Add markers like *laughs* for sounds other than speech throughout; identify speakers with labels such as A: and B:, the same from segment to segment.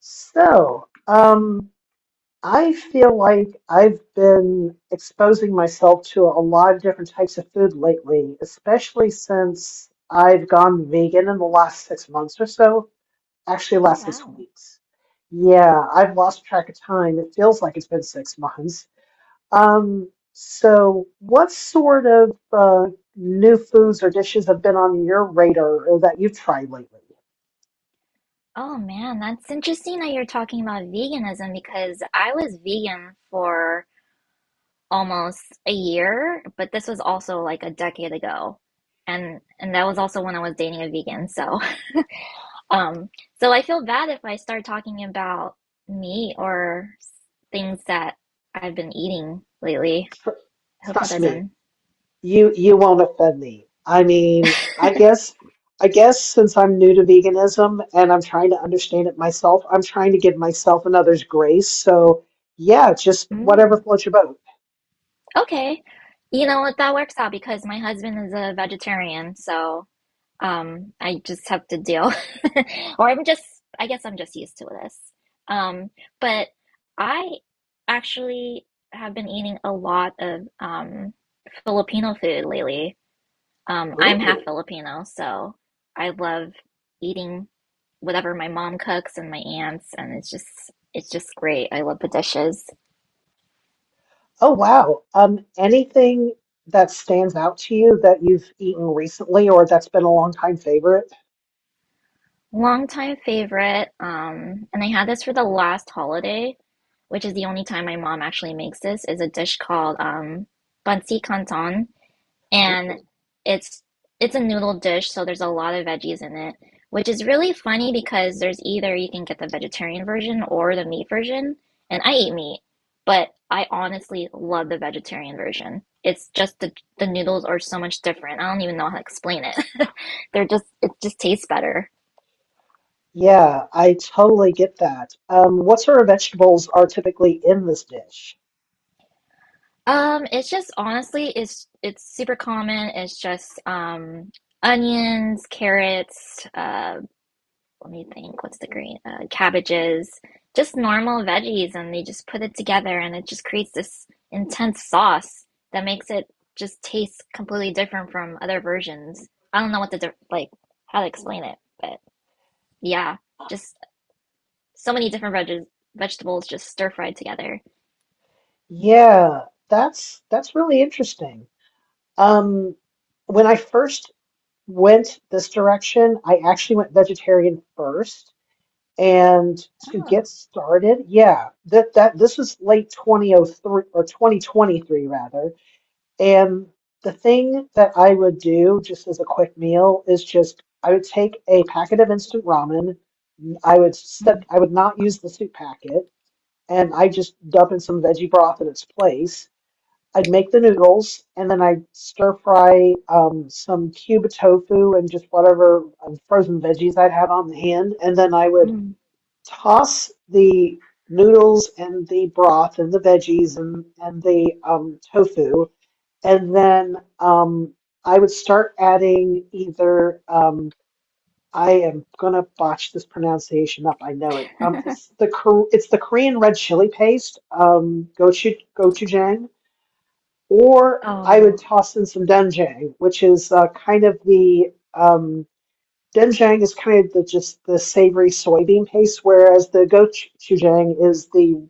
A: So, I feel like I've been exposing myself to a lot of different types of food lately, especially since I've gone vegan in the last 6 months or so. Actually,
B: Oh,
A: last six
B: wow.
A: weeks. Yeah, I've lost track of time. It feels like it's been 6 months. So what sort of new foods or dishes have been on your radar or that you've tried lately?
B: Oh, man, that's interesting that you're talking about veganism because I was vegan for almost a year, but this was also like a decade ago. And that was also when I was dating a vegan. So, *laughs* um, so I feel bad if I start talking about meat or things that I've been eating lately.
A: Tr
B: I hope that
A: trust me.
B: doesn't.
A: You won't offend me. I mean, I guess since I'm new to veganism and I'm trying to understand it myself, I'm trying to give myself and others grace. So yeah, just whatever
B: Mm,
A: floats your boat.
B: okay. You know what? That works out because my husband is a vegetarian, so. I just have to deal, *laughs* or I'm just, I guess I'm just used to this. Um, but I actually have been eating a lot of Filipino food lately. I'm half
A: Ooh.
B: Filipino, so I love eating whatever my mom cooks and my aunts, and it's just great. I love the dishes.
A: Oh wow. Anything that stands out to you that you've eaten recently or that's been a long time favorite?
B: Longtime favorite. And I had this for the last holiday, which is the only time my mom actually makes this, is a dish called bansi canton. And
A: Ooh.
B: it's it's a noodle dish, so there's a lot of veggies in it, which is really funny because there's either you can get the vegetarian version or the meat version, and I eat meat, but I honestly love the vegetarian version. It's just the noodles are so much different. I don't even know how to explain it. *laughs* They're just it just tastes better.
A: Yeah, I totally get that. What sort of vegetables are typically in this dish?
B: It's just honestly, it's super common. It's just onions, carrots, let me think, what's the green? Cabbages, just normal veggies, and they just put it together and it just creates this intense sauce that makes it just taste completely different from other versions. I don't know what the diff like how to explain it, but yeah, just so many different vegetables just stir fried together.
A: Yeah, that's really interesting. Um, when I first went this direction, I actually went vegetarian first. And to
B: Oh.
A: get started, yeah, that this was late 2003 or 2023 rather. And the thing that I would do just as a quick meal is just I would take a packet of instant ramen.
B: Mm.
A: I would not use the soup packet, and I just dump in some veggie broth in its place. I'd make the noodles and then I'd stir fry some cube tofu and just whatever frozen veggies I'd have on hand. And then I would
B: Mm.
A: toss the noodles and the broth and the veggies and the tofu. And then I would start adding either, I am gonna botch this pronunciation up, I know it. It's it's the Korean red chili paste, gochujang, or I would
B: Oh.
A: toss in some doenjang, which is kind of the, doenjang is kind of the just the savory soybean paste, whereas the gochujang is the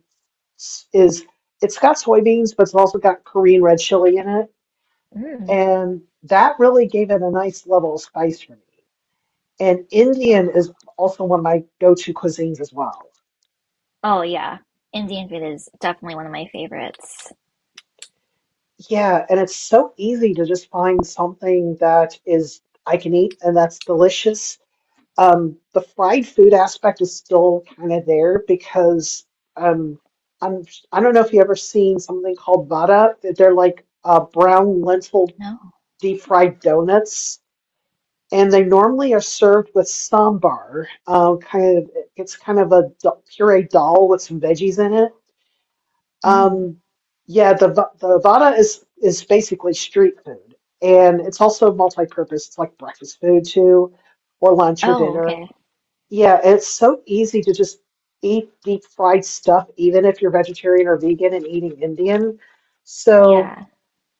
A: is it's got soybeans, but it's also got Korean red chili in it,
B: Mm.
A: and that really gave it a nice level of spice for me. And Indian
B: Oh.
A: is also one of my go-to cuisines as well.
B: Oh yeah, Indian food is definitely one of my favorites.
A: Yeah, and it's so easy to just find something that is I can eat and that's delicious. The fried food aspect is still kind of there because um, I'm I don't know if you ever seen something called vada. They're like brown lentil
B: No.
A: deep fried donuts, and they normally are served with sambar. It's kind of a puree dal with some veggies in it.
B: Mm.
A: Um, yeah, the vada is basically street food, and it's also multi-purpose. It's like breakfast food too, or lunch or
B: Oh,
A: dinner.
B: okay.
A: Yeah, it's so easy to just eat deep fried stuff, even if you're vegetarian or vegan and eating Indian. So
B: Yeah.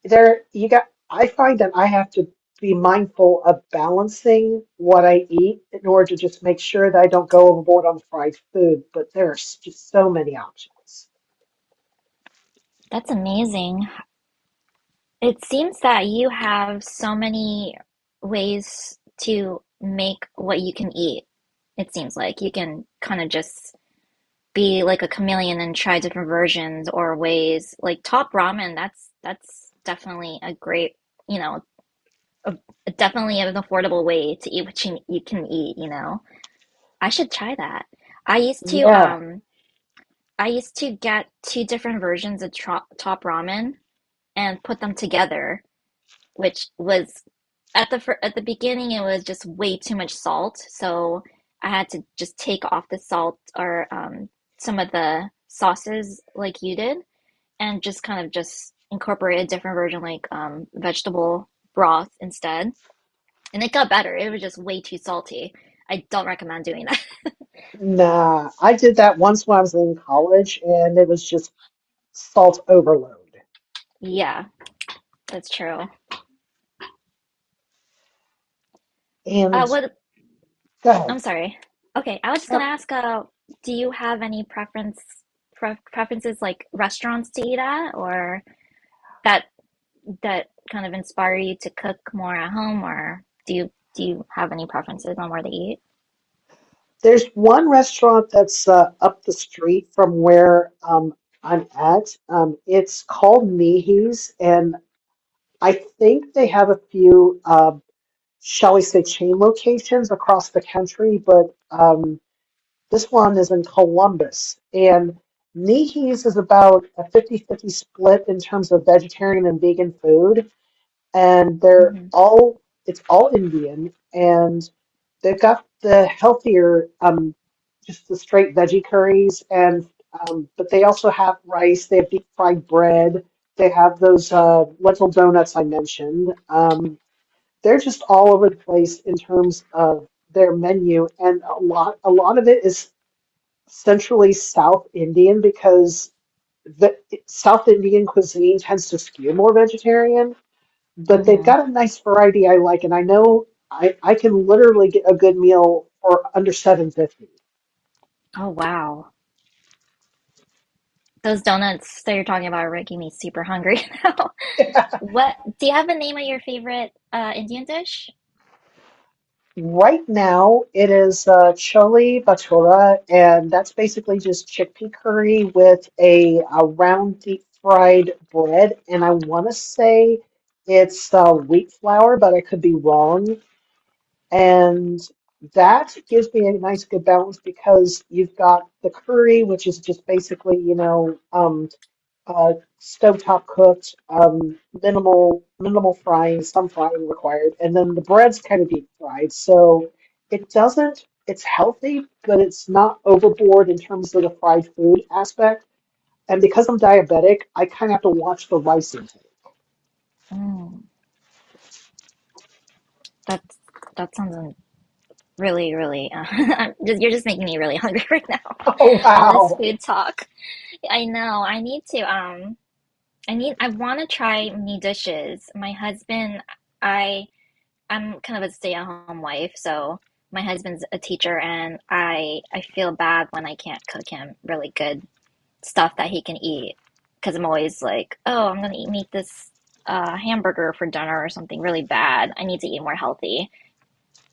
A: there you got, I find that I have to be mindful of balancing what I eat in order to just make sure that I don't go overboard on fried food. But there's just so many options.
B: That's amazing. It seems that you have so many ways to make what you can eat. It seems like you can kind of just be like a chameleon and try different versions or ways. Like top ramen, that's definitely a great, you know, a, definitely an affordable way to eat what you can eat, you know. I should try that. I used to
A: Yeah,
B: um I used to get two different versions of tro Top Ramen and put them together, which was at the beginning it was just way too much salt, so I had to just take off the salt or some of the sauces like you did and just incorporate a different version like vegetable broth instead. And it got better. It was just way too salty. I don't recommend doing that.
A: nah, I did that once when I was in college and it was just salt overload.
B: *laughs* Yeah, that's true. Uh,
A: And
B: what,
A: God.
B: I'm sorry. Okay, I was just gonna ask, do you have any preferences like restaurants to eat at or that that kind of inspire you to cook more at home or do you have any preferences on where to eat?
A: There's one restaurant that's up the street from where I'm at. It's called Mihi's, and I think they have a few, shall we say, chain locations across the country, but this one is in Columbus. And Mihi's is about a fifty-fifty split in terms of vegetarian and vegan food, and they're
B: Mm-hmm.
A: all it's all Indian, and they've got the healthier, just the straight veggie curries, and but they also have rice. They have deep fried bread. They have those lentil donuts I mentioned. They're just all over the place in terms of their menu, and a lot of it is centrally South Indian because the South Indian cuisine tends to skew more vegetarian, but they've
B: Mm-hmm.
A: got a nice variety I like, and I know I can literally get a good meal for under 7.50. *laughs*
B: Oh wow. Those donuts that you're talking about are making me super hungry *laughs* now. What do you have a name of your favorite Indian dish?
A: Right now, it is chole bhatura, and that's basically just chickpea curry with a round deep fried bread. And I want to say it's wheat flour, but I could be wrong. And that gives me a nice good balance because you've got the curry, which is just basically, uh, stovetop cooked, minimal frying, some frying required, and then the bread's kind of deep fried, so it doesn't. It's healthy, but it's not overboard in terms of the fried food aspect. And because I'm diabetic, I kind of have to watch the rice intake. *laughs*
B: Mm, that's that sounds really, really. *laughs* You're just making me really hungry *laughs* right now.
A: Oh
B: All this
A: wow,
B: food talk. I know. I need to. I need. I want to try new dishes. I, I'm kind of a stay-at-home wife, so my husband's a teacher, and I feel bad when I can't cook him really good stuff that he can eat, because I'm always like, oh, I'm gonna eat meat this hamburger for dinner or something really bad. I need to eat more healthy.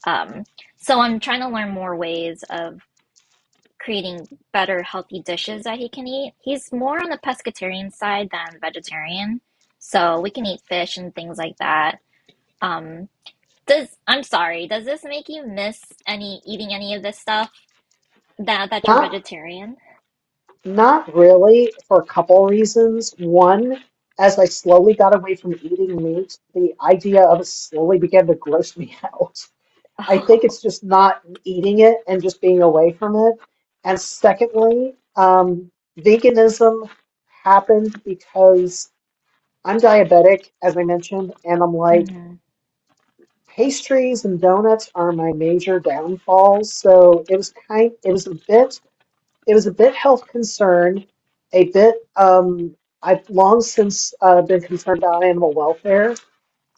B: Um, so I'm trying to learn more ways of creating better healthy dishes that he can eat. He's more on the pescatarian side than vegetarian, so we can eat fish and things like that. Um, does does this make you miss any eating any of this stuff that you're
A: not
B: vegetarian?
A: not really for a couple reasons. One. As I slowly got away from eating meat, the idea of it slowly began to gross me *laughs* out. I think it's
B: *laughs* Oh,
A: just not eating it and just being away from it. And secondly, veganism happened because I'm diabetic, as I mentioned, and I'm like,
B: mm-hmm,
A: pastries and donuts are my major downfalls. So it was a bit health concern, a bit, I've long since been concerned about animal welfare.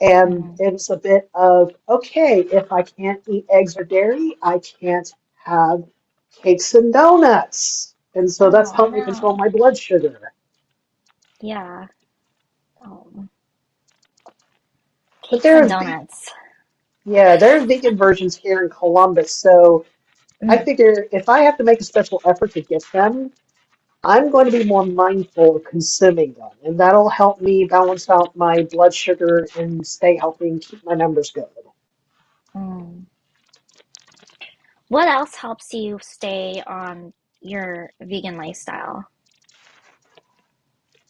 A: And
B: mm-hmm.
A: it was a bit of, okay, if I can't eat eggs or dairy, I can't have cakes and donuts. And so that's
B: Oh
A: helped me control
B: no,
A: my blood sugar.
B: yeah, oh,
A: But
B: cakes and donuts.
A: yeah, there are vegan versions here in Columbus. So I
B: Mm,
A: figure if I have to make a special effort to get them, I'm going to be more mindful of consuming them. And that'll help me balance out my blood sugar and stay healthy and keep my numbers good.
B: mm. What else helps you stay on your vegan lifestyle?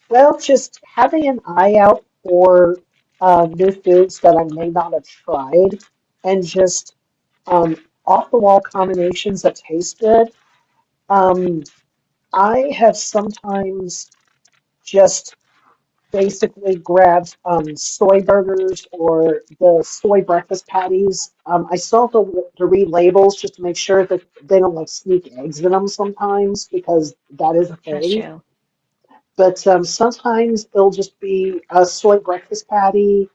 A: Well, just having an eye out for new foods that I may not have tried, and just um, off-the-wall combinations that taste good. Um, I have sometimes just basically grabbed soy burgers or the soy breakfast patties. I still have to read labels just to make sure that they don't like sneak eggs in them sometimes because that is a
B: That's
A: thing.
B: true.
A: But sometimes it'll just be a soy breakfast patty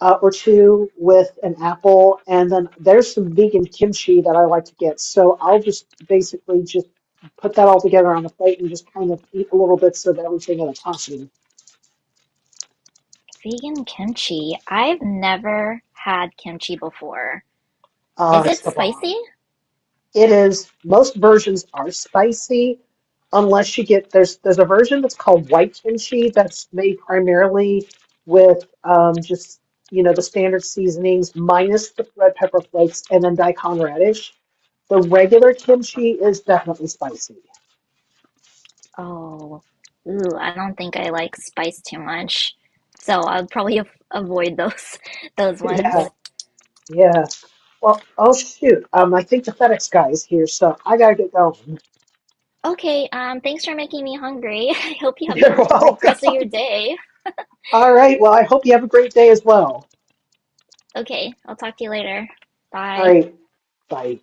A: or two with an apple. And then there's some vegan kimchi that I like to get. So I'll just basically just put that all together on the plate and just kind of eat little bits of everything in a tashi.
B: Vegan kimchi. I've never had kimchi before.
A: Uh,
B: Is
A: it's
B: it
A: the
B: spicy?
A: bomb. It is most versions are spicy unless you get, there's a version that's called white kimchi that's made primarily with just the standard seasonings minus the red pepper flakes and then daikon radish. The regular kimchi is definitely spicy. *laughs*
B: Oh, ooh, I don't think I like spice too much. So I'll probably av avoid those *laughs* those ones.
A: Yeah, yeah. Well, oh shoot. I think the FedEx guy is here, so I gotta get going.
B: Okay, thanks for making me hungry. *laughs* I hope you
A: *laughs*
B: have
A: You're
B: the great rest of
A: welcome.
B: your day.
A: All right. Well, I hope you have a great day as well.
B: Okay, I'll talk to you later.
A: All
B: Bye.
A: right. Bye.